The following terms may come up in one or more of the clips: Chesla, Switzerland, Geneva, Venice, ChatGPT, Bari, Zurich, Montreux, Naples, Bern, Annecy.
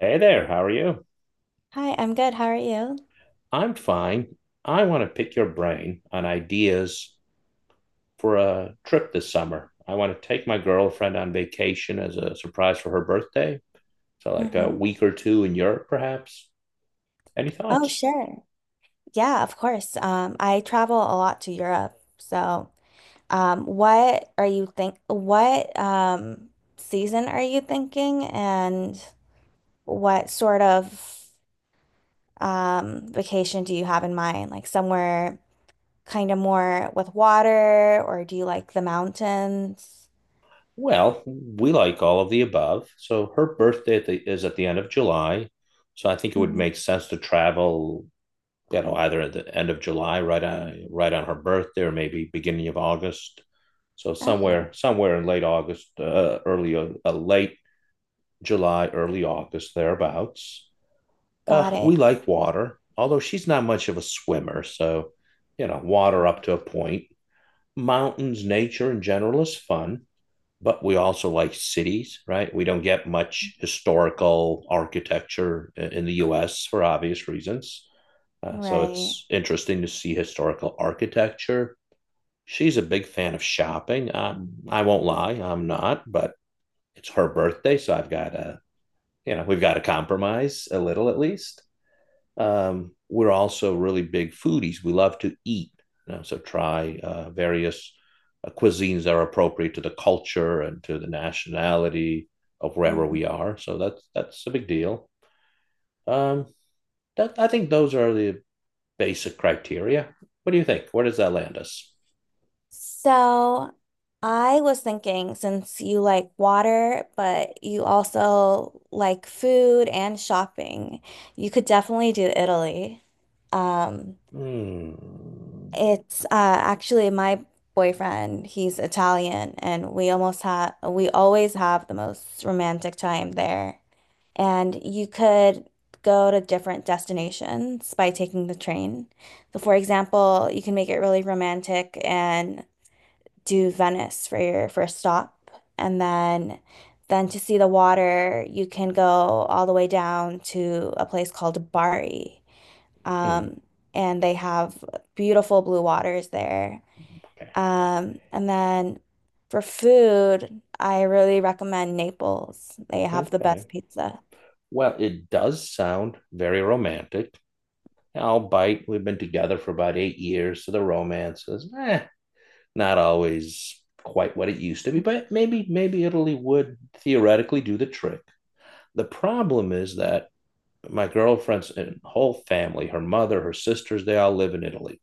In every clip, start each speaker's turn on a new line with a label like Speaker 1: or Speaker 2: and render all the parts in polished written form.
Speaker 1: Hey there, how are you?
Speaker 2: Hi, I'm good. How are you?
Speaker 1: I'm fine. I want to pick your brain on ideas for a trip this summer. I want to take my girlfriend on vacation as a surprise for her birthday. So, like a
Speaker 2: Mm-hmm.
Speaker 1: week or two in Europe, perhaps. Any
Speaker 2: Oh,
Speaker 1: thoughts?
Speaker 2: sure. Yeah, of course. I travel a lot to Europe. So, what are you think what season are you thinking and what sort of vacation do you have in mind? Like somewhere kind of more with water, or do you like the mountains?
Speaker 1: Well, we like all of the above. So, her birthday is at the end of July. So, I think it would
Speaker 2: Mhm.
Speaker 1: make sense to travel, either at the end of July, right on her birthday, or maybe beginning of August. So somewhere
Speaker 2: Okay,
Speaker 1: somewhere in late August, early late July, early August thereabouts.
Speaker 2: got
Speaker 1: We
Speaker 2: it.
Speaker 1: like water, although she's not much of a swimmer, so, water up to a point. Mountains, nature in general is fun, but we also like cities, right? We don't get much historical architecture in the US for obvious reasons. So
Speaker 2: Right.
Speaker 1: it's interesting to see historical architecture. She's a big fan of shopping. I won't lie, I'm not, but it's her birthday, so I've got to, we've got to compromise a little at least. We're also really big foodies. We love to eat, so try various cuisines that are appropriate to the culture and to the nationality of wherever
Speaker 2: Mhm.
Speaker 1: we are. So that's a big deal. Um, I think those are the basic criteria. What do you think? Where does that land us?
Speaker 2: So I was thinking since you like water, but you also like food and shopping, you could definitely do Italy. Um,
Speaker 1: Hmm.
Speaker 2: It's actually my boyfriend he's Italian, and we always have the most romantic time there. And you could go to different destinations by taking the train. So for example, you can make it really romantic and do Venice for your first stop, and then to see the water, you can go all the way down to a place called Bari.
Speaker 1: Hmm.
Speaker 2: Um, and they have beautiful blue waters there.
Speaker 1: Okay.
Speaker 2: And then for food, I really recommend Naples. They have the best
Speaker 1: Okay.
Speaker 2: pizza.
Speaker 1: Well, it does sound very romantic. Albeit we've been together for about 8 years, so the romance is, eh, not always quite what it used to be. But maybe Italy would theoretically do the trick. The problem is that my girlfriend's whole family, her mother, her sisters, they all live in Italy.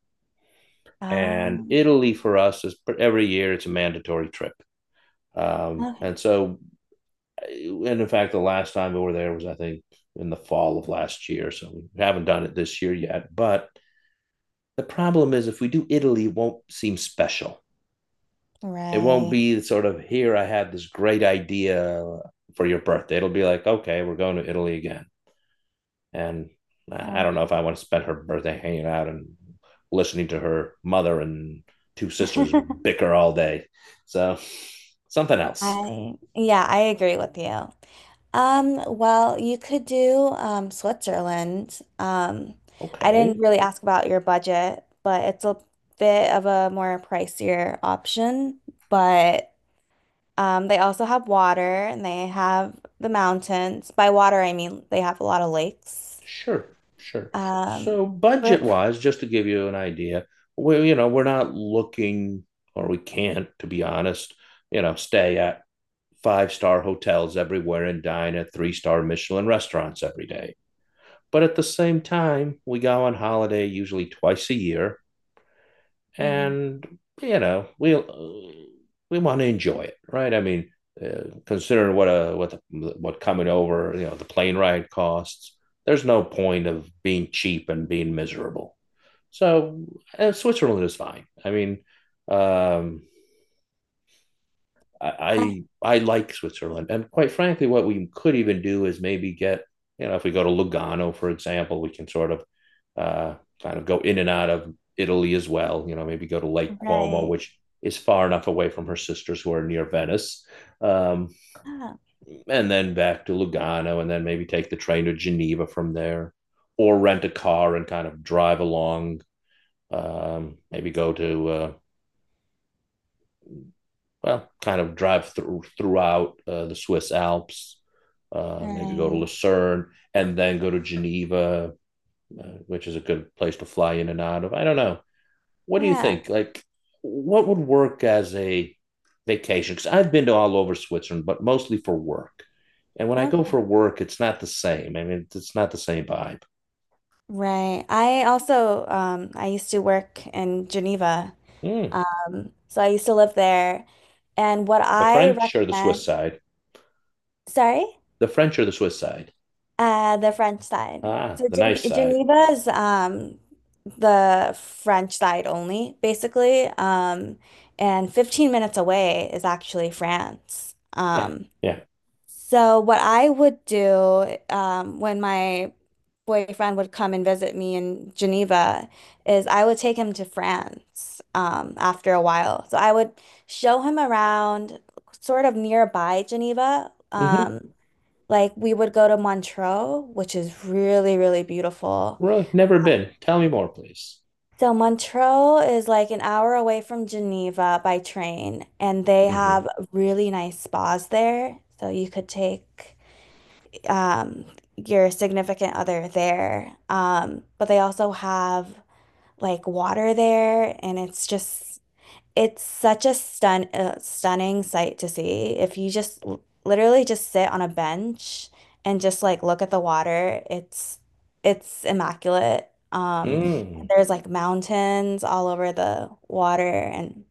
Speaker 1: And
Speaker 2: Um,
Speaker 1: Italy for us is every year, it's a mandatory trip. Um,
Speaker 2: Okay.
Speaker 1: and so, and in fact, the last time we were there was, I think, in the fall of last year. So we haven't done it this year yet. But the problem is, if we do Italy, it won't seem special. It won't
Speaker 2: Right.
Speaker 1: be sort of, here, I had this great idea for your birthday. It'll be like, okay, we're going to Italy again. And I don't know if
Speaker 2: Okay.
Speaker 1: I want to spend her birthday hanging out and listening to her mother and two sisters bicker all day. So something else.
Speaker 2: Yeah, I agree with you. Well, you could do Switzerland. I didn't
Speaker 1: Okay.
Speaker 2: really ask about your budget, but it's a bit of a more pricier option, but they also have water and they have the mountains. By water, I mean they have a lot of lakes.
Speaker 1: Sure, sure.
Speaker 2: Um,
Speaker 1: So
Speaker 2: for,
Speaker 1: budget-wise, just to give you an idea, we're not looking, or we can't, to be honest, stay at five-star hotels everywhere and dine at three-star Michelin restaurants every day. But at the same time, we go on holiday usually twice a year,
Speaker 2: Mhm.
Speaker 1: and you know we we want to enjoy it, right? I mean, considering what coming over, the plane ride costs. There's no point of being cheap and being miserable. So, Switzerland is fine. I mean, um,
Speaker 2: Uh,
Speaker 1: I like Switzerland, and quite frankly, what we could even do is maybe get, you know, if we go to Lugano, for example, we can sort of uh, kind of go in and out of Italy as well. You know, maybe go to Lake Como,
Speaker 2: right.
Speaker 1: which is far enough away from her sisters who are near Venice, um,
Speaker 2: Ah,
Speaker 1: and then back to Lugano, and then maybe take the train to Geneva from there, or rent a car and kind of drive along. Maybe go to well, Kind of drive throughout the Swiss Alps, maybe go to
Speaker 2: right.
Speaker 1: Lucerne and then go to Geneva, which is a good place to fly in and out of. I don't know. What do you
Speaker 2: Yeah.
Speaker 1: think? Like, what would work as a vacation? Because I've been to all over Switzerland, but mostly for work. And when I go for
Speaker 2: Okay.
Speaker 1: work, it's not the same. I mean, it's not the same vibe.
Speaker 2: Right. I also, I used to work in Geneva.
Speaker 1: Hmm.
Speaker 2: So I used to live there. And what
Speaker 1: The
Speaker 2: I
Speaker 1: French or the Swiss
Speaker 2: recommend,
Speaker 1: side?
Speaker 2: sorry?
Speaker 1: The French or the Swiss side?
Speaker 2: The French side.
Speaker 1: Ah,
Speaker 2: So
Speaker 1: the nice side.
Speaker 2: Geneva is the French side only, basically. And 15 minutes away is actually France.
Speaker 1: Yeah, yeah.
Speaker 2: So what I would do when my boyfriend would come and visit me in Geneva is I would take him to France after a while. So I would show him around sort of nearby Geneva.
Speaker 1: hmm
Speaker 2: Like we would go to Montreux, which is really, really beautiful.
Speaker 1: Really? Never been. Tell me more, please.
Speaker 2: So Montreux is like an hour away from Geneva by train, and they
Speaker 1: Mm-hmm.
Speaker 2: have really nice spas there. So you could take um, your significant other there. But they also have like water there, and it's such a stunning sight to see. If you just literally just sit on a bench and just like look at the water, it's immaculate. And
Speaker 1: Mm.
Speaker 2: there's like mountains all over the water and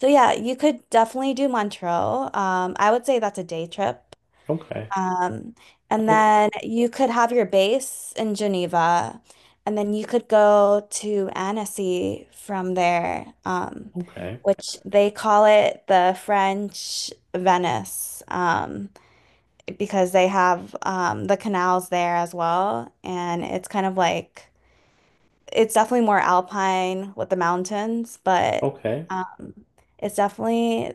Speaker 2: so yeah, you could definitely do Montreux. I would say that's a day trip.
Speaker 1: Okay.
Speaker 2: Um, and
Speaker 1: Oh,
Speaker 2: then you could have your base in Geneva, and then you could go to Annecy from there,
Speaker 1: okay.
Speaker 2: which they call it the French Venice, because they have the canals there as well. And it's kind of like, it's definitely more alpine with the mountains, but.
Speaker 1: Okay.
Speaker 2: It's definitely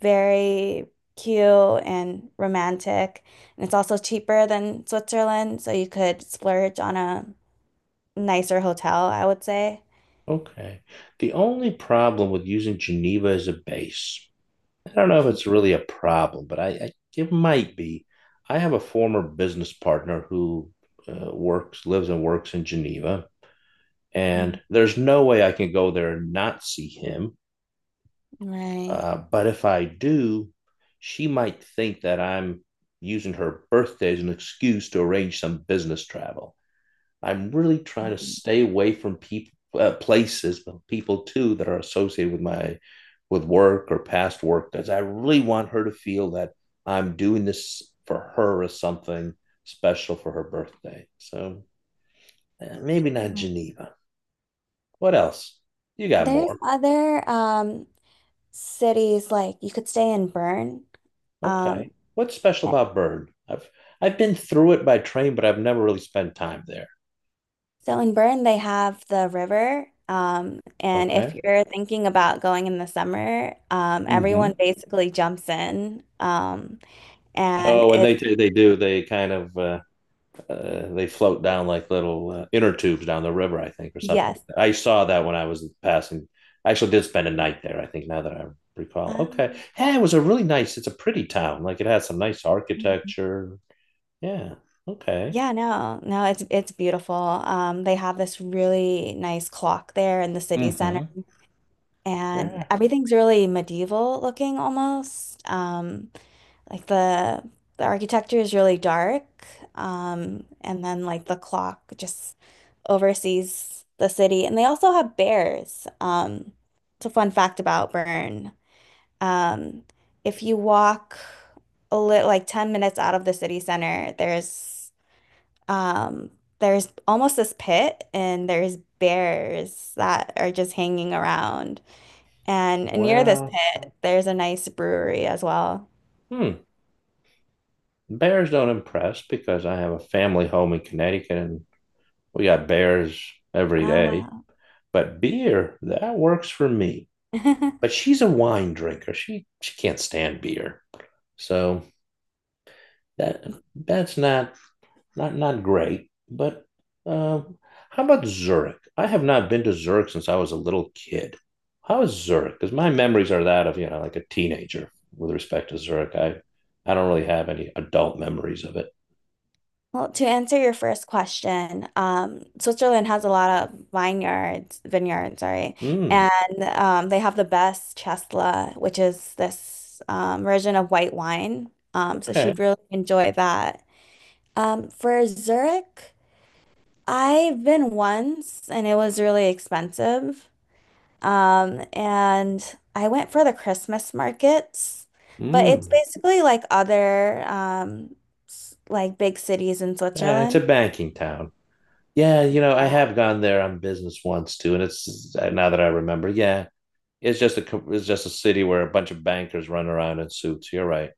Speaker 2: very cute and romantic. And it's also cheaper than Switzerland, so you could splurge on a nicer hotel, I would say.
Speaker 1: Okay. The only problem with using Geneva as a base, I don't know if it's really a problem, but I it might be. I have a former business partner who lives and works in Geneva,
Speaker 2: Mm,
Speaker 1: and there's no way I can go there and not see him.
Speaker 2: right.
Speaker 1: But if I do, she might think that I'm using her birthday as an excuse to arrange some business travel. I'm really trying to
Speaker 2: Mhm.
Speaker 1: stay away from people, places, but people too that are associated with my, with work or past work, because I really want her to feel that I'm doing this for her as something special for her birthday. So, eh, maybe not Geneva. What else? You got
Speaker 2: There's
Speaker 1: more?
Speaker 2: other cities like you could stay in Bern.
Speaker 1: Okay.
Speaker 2: Um,
Speaker 1: What's special
Speaker 2: yeah.
Speaker 1: about Bern? I've been through it by train, but I've never really spent time there.
Speaker 2: So in Bern they have the river. And if
Speaker 1: Okay.
Speaker 2: you're thinking about going in the summer,
Speaker 1: Hmm.
Speaker 2: everyone basically jumps in. And
Speaker 1: Oh, and they
Speaker 2: it's
Speaker 1: do- they do. They kind of they float down like little inner tubes down the river, I think, or something like
Speaker 2: Yes.
Speaker 1: that. I saw that when I was passing. I actually did spend a night there, I think, now that I recall. Okay.
Speaker 2: Um,
Speaker 1: Yeah, it was a really nice, it's a pretty town. Like it has some nice architecture. Yeah. Okay.
Speaker 2: yeah, no, no, it's beautiful. They have this really nice clock there in the city center,
Speaker 1: Hmm.
Speaker 2: and
Speaker 1: Yeah.
Speaker 2: everything's really medieval looking almost. Like the architecture is really dark. And then like the clock just oversees the city, and they also have bears. It's a fun fact about Bern. Um, if you walk a little like 10 minutes out of the city center, um there's almost this pit and there's bears that are just hanging around. And near this
Speaker 1: Well,
Speaker 2: pit, there's a nice brewery as well.
Speaker 1: hmm. Bears don't impress because I have a family home in Connecticut and we got bears every
Speaker 2: Oh,
Speaker 1: day.
Speaker 2: wow.
Speaker 1: But beer, that works for me. But she's a wine drinker. She can't stand beer. So that's not not great. But uh, how about Zurich? I have not been to Zurich since I was a little kid. How is Zurich? Because my memories are that of, you know, like a teenager with respect to Zurich. I don't really have any adult memories of it.
Speaker 2: Well, to answer your first question, Switzerland has a lot of vineyards, sorry,
Speaker 1: Hmm.
Speaker 2: and they have the best Chesla, which is this version of white wine. So she'd
Speaker 1: Okay.
Speaker 2: really enjoy that. For Zurich, I've been once, and it was really expensive. And I went for the Christmas markets, but it's
Speaker 1: Mm,
Speaker 2: basically like other like big cities in
Speaker 1: eh, it's a
Speaker 2: Switzerland.
Speaker 1: banking town. Yeah, you know, I have gone there on business once too, and it's now that I remember, yeah, it's just a city where a bunch of bankers run around in suits. You're right.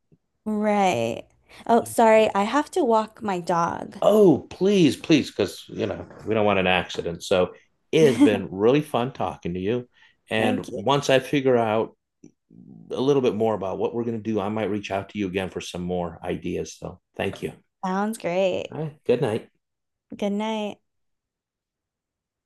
Speaker 2: Right. Oh, sorry. I have to walk my dog.
Speaker 1: Oh, please, please, because you know we don't want an accident. So it has been really fun talking to you. And
Speaker 2: Thank you.
Speaker 1: once I figure out a little bit more about what we're going to do, I might reach out to you again for some more ideas. So thank you.
Speaker 2: Sounds great.
Speaker 1: All right. Good night.
Speaker 2: Good night.